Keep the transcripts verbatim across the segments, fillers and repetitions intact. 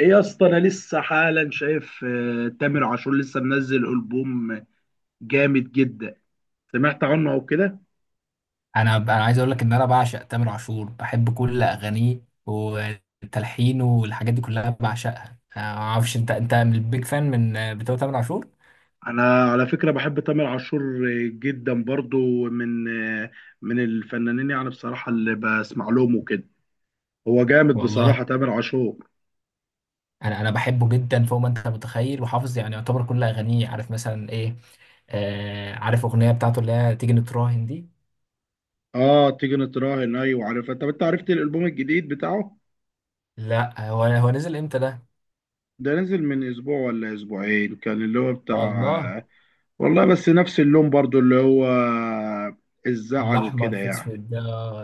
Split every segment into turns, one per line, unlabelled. ايه يا اسطى، انا لسه حالا شايف آه، تامر عاشور لسه منزل البوم جامد جدا. سمعت عنه او كده.
انا انا عايز اقول لك ان انا بعشق تامر عاشور، بحب كل اغانيه وتلحينه والحاجات دي كلها بعشقها. أنا ما اعرفش انت انت من البيج فان من بتوع تامر عاشور.
انا على فكره بحب تامر عاشور آه، جدا برضو من آه، من الفنانين يعني بصراحه اللي بسمع لهم وكده. هو جامد
والله
بصراحه تامر عاشور.
انا انا بحبه جدا فوق ما انت متخيل، وحافظ يعني يعتبر كل اغانيه، عارف مثلا ايه. آه، عارف اغنيه بتاعته اللي هي تيجي نتراهن دي.
اه، تيجي نتراهن، ايوه عارفها. طب انت عرفت الالبوم الجديد بتاعه؟
لا، هو هو نزل امتى ده؟
ده نزل من اسبوع ولا اسبوعين كان اللي هو بتاع
والله
آه، والله بس نفس اللون برضو اللي هو آه، الزعل
الاحمر
وكده
في
يعني.
اسود ده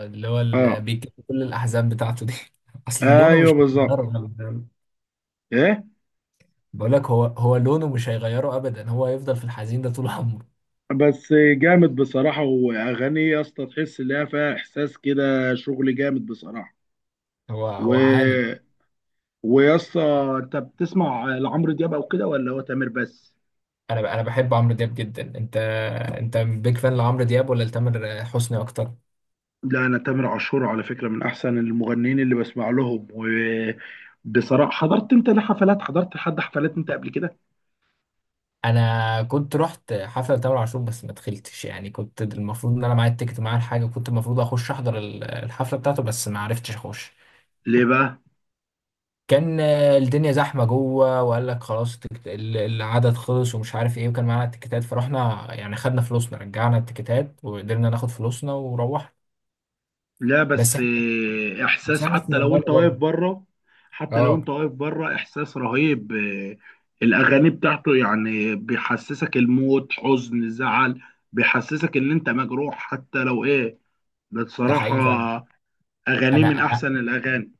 اللي هو اللي
اه،
بيجيب كل الاحزاب بتاعته دي. اصل لونه
ايوه
مش
بالظبط.
متدرب.
ايه.
بقول لك، هو هو لونه مش هيغيره ابدا، هو هيفضل في الحزين ده طول عمره.
بس جامد بصراحه، واغاني يا اسطى تحس ان هي فيها احساس كده، شغل جامد بصراحه.
هو هو عالي.
و ويا اسطى، انت بتسمع لعمرو دياب او كده، ولا هو تامر بس؟
انا ب- انا بحب عمرو دياب جدا. انت انت بيج فان لعمرو دياب ولا لتامر حسني اكتر؟
لا، انا تامر عاشور على فكره من احسن المغنيين اللي بسمع لهم. وبصراحه، حضرت انت لحفلات حضرت لحد حفلات انت قبل كده؟
انا كنت رحت حفله تامر عاشور بس ما دخلتش، يعني كنت المفروض ان انا معايا التيكت، معايا الحاجه، كنت المفروض اخش احضر ال- الحفله بتاعته بس ما عرفتش اخش.
ليه بقى؟
كان آه، الدنيا زحمه جوه وقال لك خلاص التيكت- ال- العدد خلص ومش عارف ايه، وكان معانا التيكتات فرحنا يعني، خدنا فلوسنا، رجعنا التيكتات وقدرنا ناخد فلوسنا وروحنا.
لا
بس،
بس، آه،
بس
احساس
انا كنت
حتى لو
بعمله
انت واقف
برضه.
بره. حتى لو انت
اه،
واقف بره احساس رهيب آه، الاغاني بتاعته يعني بيحسسك الموت، حزن، زعل. بيحسسك ان انت مجروح حتى لو ايه. ده
ده حقيقي فعلا.
بصراحة اغانيه
انا
من
انا
احسن الاغاني.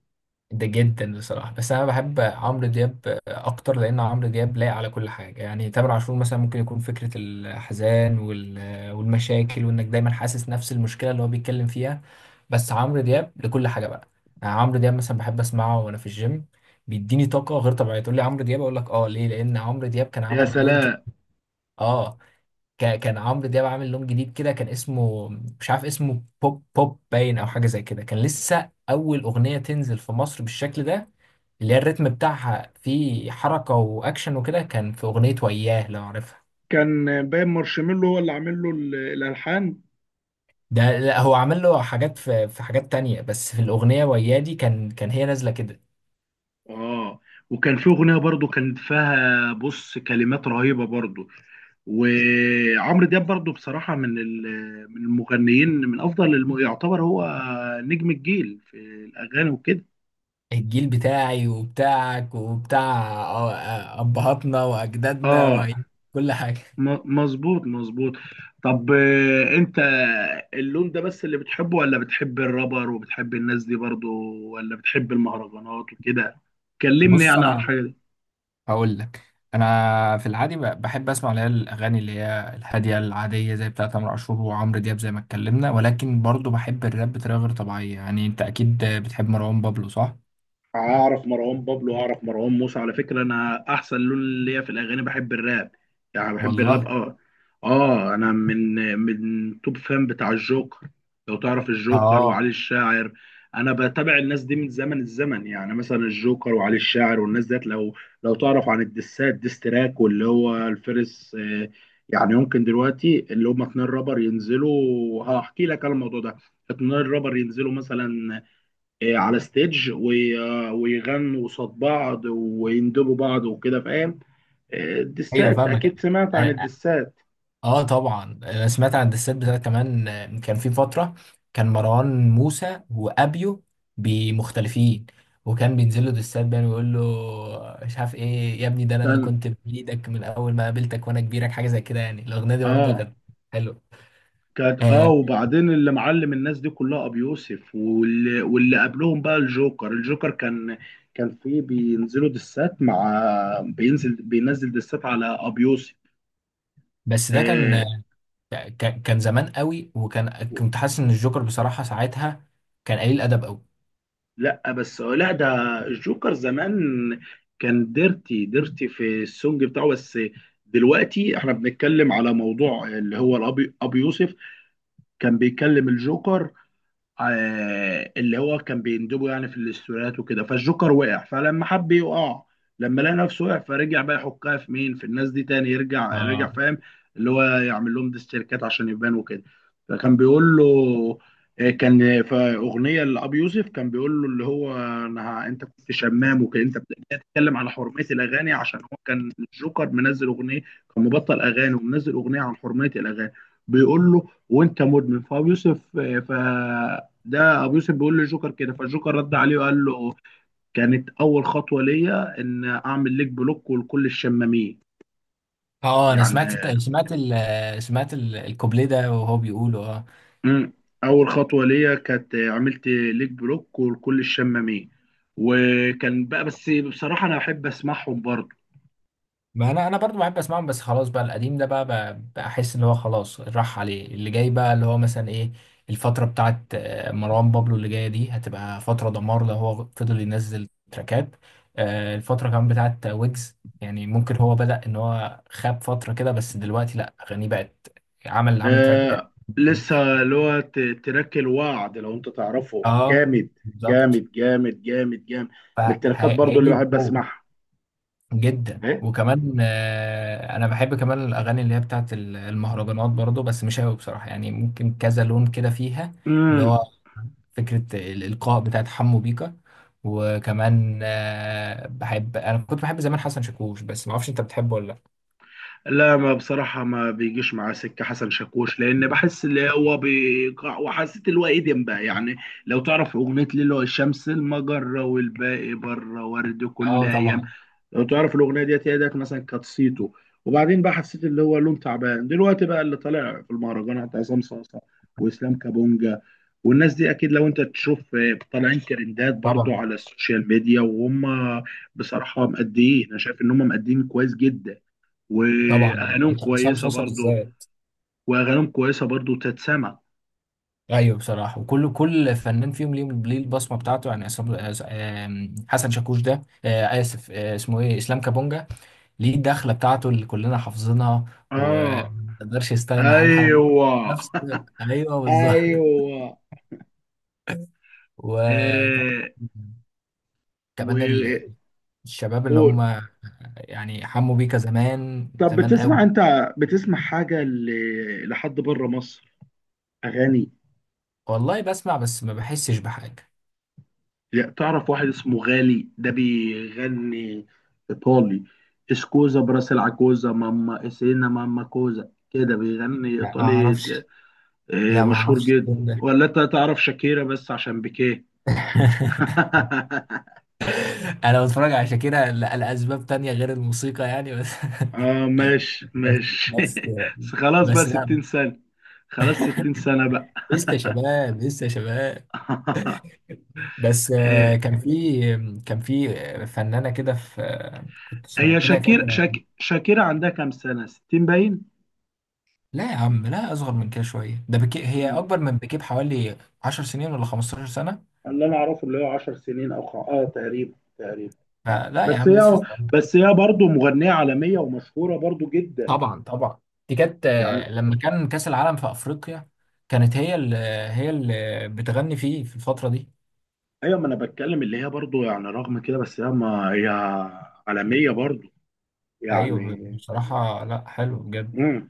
ده جدا بصراحه، بس انا بحب عمرو دياب اكتر لان عمرو دياب لايق على كل حاجه. يعني تامر عاشور مثلا ممكن يكون فكره الحزان وال- والمشاكل وانك دايما حاسس نفس المشكله اللي هو بيتكلم فيها. بس عمرو دياب لكل حاجه بقى. يعني عمرو دياب مثلا بحب اسمعه وانا في الجيم، بيديني طاقه غير طبيعيه. تقول لي عمرو دياب، اقول لك اه، ليه؟ لان عمرو دياب كان
يا
عمل لون كده.
سلام.
اه، كا- كان عمرو دياب عامل لون جديد كده، كان اسمه، مش عارف اسمه، بوب بوب باين او حاجه زي كده، كان لسه اول اغنيه تنزل في مصر بالشكل ده، اللي هي الريتم بتاعها فيه حركه واكشن وكده. كان في اغنيه وياه، لو عارفها.
كان باين مارشميلو هو اللي عامل له ال- الالحان.
ده لا، هو عمل له حاجات في في حاجات تانية، بس في الاغنيه وياه دي كان كان هي نازله كده.
اه، وكان في اغنيه برضو كان فيها بص كلمات رهيبه برضو. وعمرو دياب برضو بصراحه من ال- من المغنيين، من افضل الم... يعتبر هو نجم الجيل في الاغاني وكده.
الجيل بتاعي وبتاعك وبتاع آه، آه، ابهاتنا واجدادنا
اه،
وكل حاجه.
م- مظبوط مظبوط. طب، آه، انت اللون ده بس اللي بتحبه، ولا بتحب الرابر وبتحب الناس دي برضو، ولا بتحب المهرجانات وكده؟ كلمني
بص
يعني عن
انا
الحاجه دي.
هقول لك، انا في العادي ب- بحب اسمع اللي هي الاغاني اللي هي الهاديه العاديه زي بتاعه تامر عاشور وعمرو دياب زي ما اتكلمنا، ولكن برضو بحب الراب بطريقه غير طبيعيه. يعني انت اكيد بتحب مروان بابلو، صح؟
اعرف مروان بابلو، اعرف مروان موسى. على فكره انا احسن لون ليا في الاغاني بحب الراب. يعني بحب الراب،
والله.
اه. اه، انا من من توب فان بتاع الجوكر، لو تعرف الجوكر وعلي
اه،
الشاعر. انا بتابع الناس دي من زمن الزمن، يعني مثلا الجوكر وعلي الشاعر والناس ديت. لو لو تعرف عن الدسات، ديستراك واللي هو الفرس آه، يعني يمكن دلوقتي اللي هم اتنين رابر ينزلوا، هحكي لك على الموضوع ده. اتنين رابر ينزلوا مثلا، آه، على ستيج وي- آه، ويغنوا قصاد بعض ويندبوا بعض وكده، فاهم؟ آه،
ايوه
الدسات
فاهمك.
اكيد سمعت عن
أ-
الدسات.
اه طبعا انا سمعت عن الدسات بتاعت كمان. آه، كان في فتره كان مروان موسى وابيو بمختلفين، وكان بينزل له دسات بقى ويقول له، مش عارف ايه يا ابني ده انا اللي
كان
كنت بايدك من اول ما قابلتك وانا كبيرك، حاجه زي كده يعني. الاغنيه دي برضه
اه
كانت حلوه.
كانت اه
آه،
وبعدين اللي معلم الناس دي كلها ابو يوسف، واللي, واللي قبلهم بقى الجوكر الجوكر كان كان فيه بينزلوا دسات مع بينزل بينزل دسات على ابو يوسف.
بس ده كان
آه
آه، ك- كان زمان قوي، وكان كنت حاسس ان الجوكر بصراحه ساعتها كان قليل ادب قوي.
لا، بس لا، ده الجوكر زمان كان ديرتي ديرتي في السونج بتاعه بس. دلوقتي احنا بنتكلم على موضوع اللي هو الابي ابو يوسف كان بيكلم الجوكر، آه، اللي هو كان بيندبه يعني في الاستوريات وكده، فالجوكر وقع، فلما حب يقع، لما لقى نفسه وقع، فرجع بقى يحكها في مين، في الناس دي تاني يرجع رجع،
اه،
فاهم؟ اللي هو يعمل لهم ديسيركات عشان يبان وكده. فكان بيقول له، آه، كان في اغنيه لابي يوسف كان بيقول له اللي هو، انا ه- انت كنت شمام وكده، انت بتتكلم على حرميه الاغاني، عشان هو كان الجوكر منزل اغنيه، كان مبطل اغاني ومنزل اغنيه عن حرميه الاغاني. بيقول له: وانت مدمن، فابي يوسف. آه، ف ده ابو يوسف بيقول للجوكر كده، فالجوكر رد عليه وقال له: كانت اول خطوه ليا ان اعمل ليك بلوك ولكل الشمامين.
اه انا سمعت
يعني.
الت- سمعت ال- سمعت ال- الكوبليه ده وهو بيقوله آه.
مم. اول خطوه ليا كانت عملت ليك بلوك ولكل الشمامين. وكان بقى، بس بصراحه انا احب اسمعهم برضه.
ما انا انا برضو بحب اسمعهم، بس خلاص بقى القديم ده، بقى بقى بقى احس ان هو خلاص راح عليه، اللي جاي بقى اللي هو مثلا ايه، الفتره بتاعت آه، مروان بابلو اللي جايه دي هتبقى فتره دمار لو هو فضل ينزل تراكات. آه، الفتره كمان بتاعت ويجز، يعني ممكن هو بدأ ان هو خاب فتره كده بس دلوقتي لا، اغانيه بقت، عمل عمل تراك تاني.
آه لسه اللي هو ت- تراك الوعد، لو انت تعرفه
اه
جامد.
بالظبط.
جامد جامد جامد جامد. من التراكات برضه اللي
فهيجي
بحب
بقوه.
اسمعها.
جدا.
إيه؟
وكمان آه، انا بحب كمان الاغاني اللي هي بتاعت ال- المهرجانات برضو، بس مش قوي بصراحه. يعني ممكن كذا لون كده فيها، اللي هو فكره الالقاء بتاعت حمو بيكا. وكمان آه، بحب، انا كنت بحب زمان حسن شاكوش، بس ما اعرفش انت بتحبه ولا لا.
لا، ما بصراحة ما بيجيش معاه سكة حسن شاكوش، لأن بحس اللي هو بيقع، وحسيت اللي هو إيدم بقى يعني. لو تعرف أغنية ليلو الشمس، المجرة، والباقي بره، ورد كل
اه
أيام.
طبعا،
لو تعرف الأغنية ديت، هي ديت مثلا كانت صيته. وبعدين بقى حسيت اللي هو لون تعبان. دلوقتي بقى اللي طالع في المهرجانات عصام صاصة وإسلام كابونجا. والناس دي أكيد لو أنت تشوف آه، طالعين ترندات برضو
طبعا
على السوشيال ميديا، وهم بصراحة مأديين. أنا شايف إن هم مأديين كويس جدا،
طبعا.
واغانيهم
عصام
كويسه
صوصه
برضو.
بالذات.
واغانيهم كويسه برضو تتسمع.
ايوه بصراحه، وكل كل فنان فيهم ليه ليه البصمه بتاعته، يعني عصام- آه، حسن شاكوش ده، آه، اسف، آه، اسمه ايه، اسلام كابونجا، ليه الدخلة بتاعته اللي كلنا حافظينها
اه،
ومقدرش يستغنى عنها،
ايوه.
نفس، ايوه بالظبط.
ايوه.
وكمان
آه و
ال- الشباب اللي هم
قول.
يعني، حموا بيكا، زمان
طب،
زمان
بتسمع
قوي.
انت، بتسمع حاجه ل... لحد بره مصر اغاني؟
والله بسمع بس ما بحسش بحاجة.
لا، تعرف واحد اسمه غالي ده بيغني ايطالي؟ اسكوزا براس العكوزا ماما اسينا ماما كوزا، كده بيغني
لا، ما
ايطالي
اعرفش.
ده- آه،
لا، ما
مشهور
اعرفش
جدا.
التون ده.
ولا انت تعرف شاكيرا، بس عشان بيكيه؟
انا بتفرج على شاكيرا ل- لاسباب تانية غير الموسيقى يعني. بس
اه، ماشي
بس،
ماشي.
بس.
بس خلاص بقى
بس لا،
ستين سنة. خلاص ستين سنة بقى.
لسه شباب، لسه شباب. بس
آه،
آه، كان في، كان في فنانة كده في، آه، كنت
هي
سمعت لها
شاكير
كذا.
شاك... شاكيرة عندها كام سنة، ستين باين؟
لا يا عم، لا، أصغر من كده شوية. ده بكي هي
مم.
أكبر من بكي بحوالي عشر سنين ولا خمستاشر سنة.
اللي انا اعرفه اللي هو عشر سنين، او خ- اه تقريبا تقريبا.
فلا يا
بس
عم، لسه
هي،
صغير.
بس هي برضو مغنية عالمية ومشهورة برضو جدا
طبعا طبعا. دي كانت
يعني.
آه، لما كان كأس العالم في أفريقيا، كانت هي اللي، هي اللي بتغني فيه في الفترة دي.
ايوه، ما انا بتكلم اللي هي برضو يعني، رغم كده، بس هي ما هي عالمية برضو
أيوه
يعني.
بصراحة، لا، حلو بجد.
مم.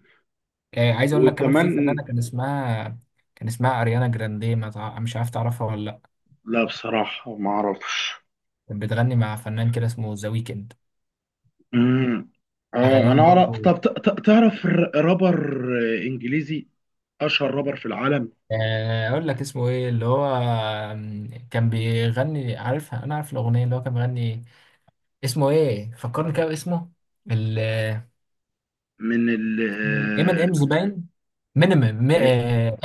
آه، عايز أقول لك كمان، في
وكمان.
فنانة كان اسمها كان اسمها أريانا جراندي، ما تع- مش عارف تعرفها ولا لأ.
لا، بصراحة ما أعرفش.
كانت بتغني مع فنان كده اسمه ذا ويكند،
امم. آه،
اغانيهم
أنا أعرف.
برضو.
طب ت- ت- تعرف ر- رابر آه، إنجليزي، أشهر رابر في العالم؟
آه، اقول لك اسمه ايه اللي هو، آم، كان بيغني، عارف انا عارف الاغنيه اللي هو كان بيغني، اسمه ايه فكرني كده باسمه، ال
من ال
ام ان امز
آه
باين، مينيمم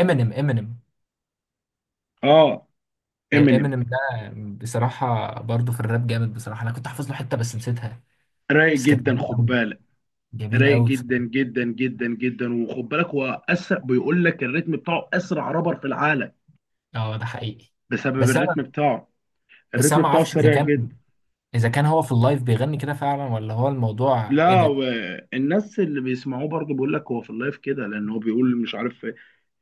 امينيم امينيم.
آه، آه، إمينيم.
امينيم ده بصراحه برضو في الراب جامد بصراحه، انا كنت حافظ له حته بس نسيتها.
رايق
بس كانت
جدا،
جميله
خد
قوي،
بالك.
جميله
رايق
قوي
جدا
بصراحه.
جدا جدا جدا، وخد بالك هو أسرع، بيقول لك الريتم بتاعه أسرع رابر في العالم،
اه ده حقيقي.
بسبب
بس انا
الريتم بتاعه.
بس انا
الريتم
ما
بتاعه
اعرفش اذا
سريع
كان،
جدا.
اذا كان هو في اللايف بيغني كده فعلا ولا هو الموضوع
لا،
اديت.
والناس اللي بيسمعوه برضه بيقول لك هو في اللايف كده، لأن هو بيقول مش عارف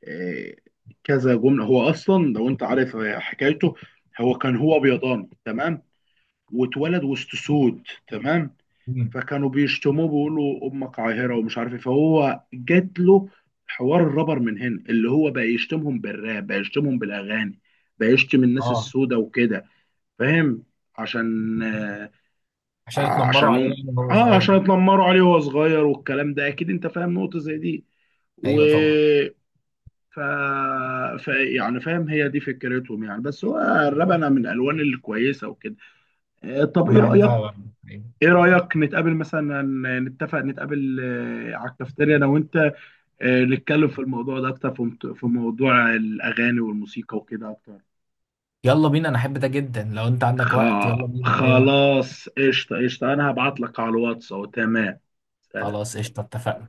آه، كذا جمله. هو اصلا، لو انت عارف آه، حكايته، هو كان هو بيضاني تمام، واتولد وسط سود، تمام.
مم.
فكانوا بيشتموه بيقولوا امك عاهره ومش عارف ايه، فهو جات له حوار الرابر من هنا، اللي هو بقى يشتمهم بالراب، بقى يشتمهم بالاغاني، بقى يشتم الناس
اه،
السودة وكده، فاهم؟ عشان آه،
عشان اتنمروا
عشان
عليه
هم
يعني وهو
اه
صغير.
عشان اتنمروا عليه وهو صغير، والكلام ده اكيد انت فاهم نقطه زي دي. و...
ايوه طبعا.
ف... ف يعني فاهم، هي دي فكرتهم يعني، بس هو الربنه من الالوان الكويسه وكده. آه، طب
انا
ايه رايك؟
بحبها بقى. أيوة.
ايه رايك نتقابل مثلا، نتفق نتقابل آه، على الكافتيريا انا وانت، آه، نتكلم في الموضوع ده اكتر، في مت- في موضوع الاغاني والموسيقى وكده اكتر.
يلا بينا، انا احب ده جدا، لو انت
خ...
عندك وقت يلا بينا في اي وقت.
خلاص، قشطه قشطه، انا هبعت لك على الواتس أهو. تمام. سلام.
خلاص قشطه، اتفقنا.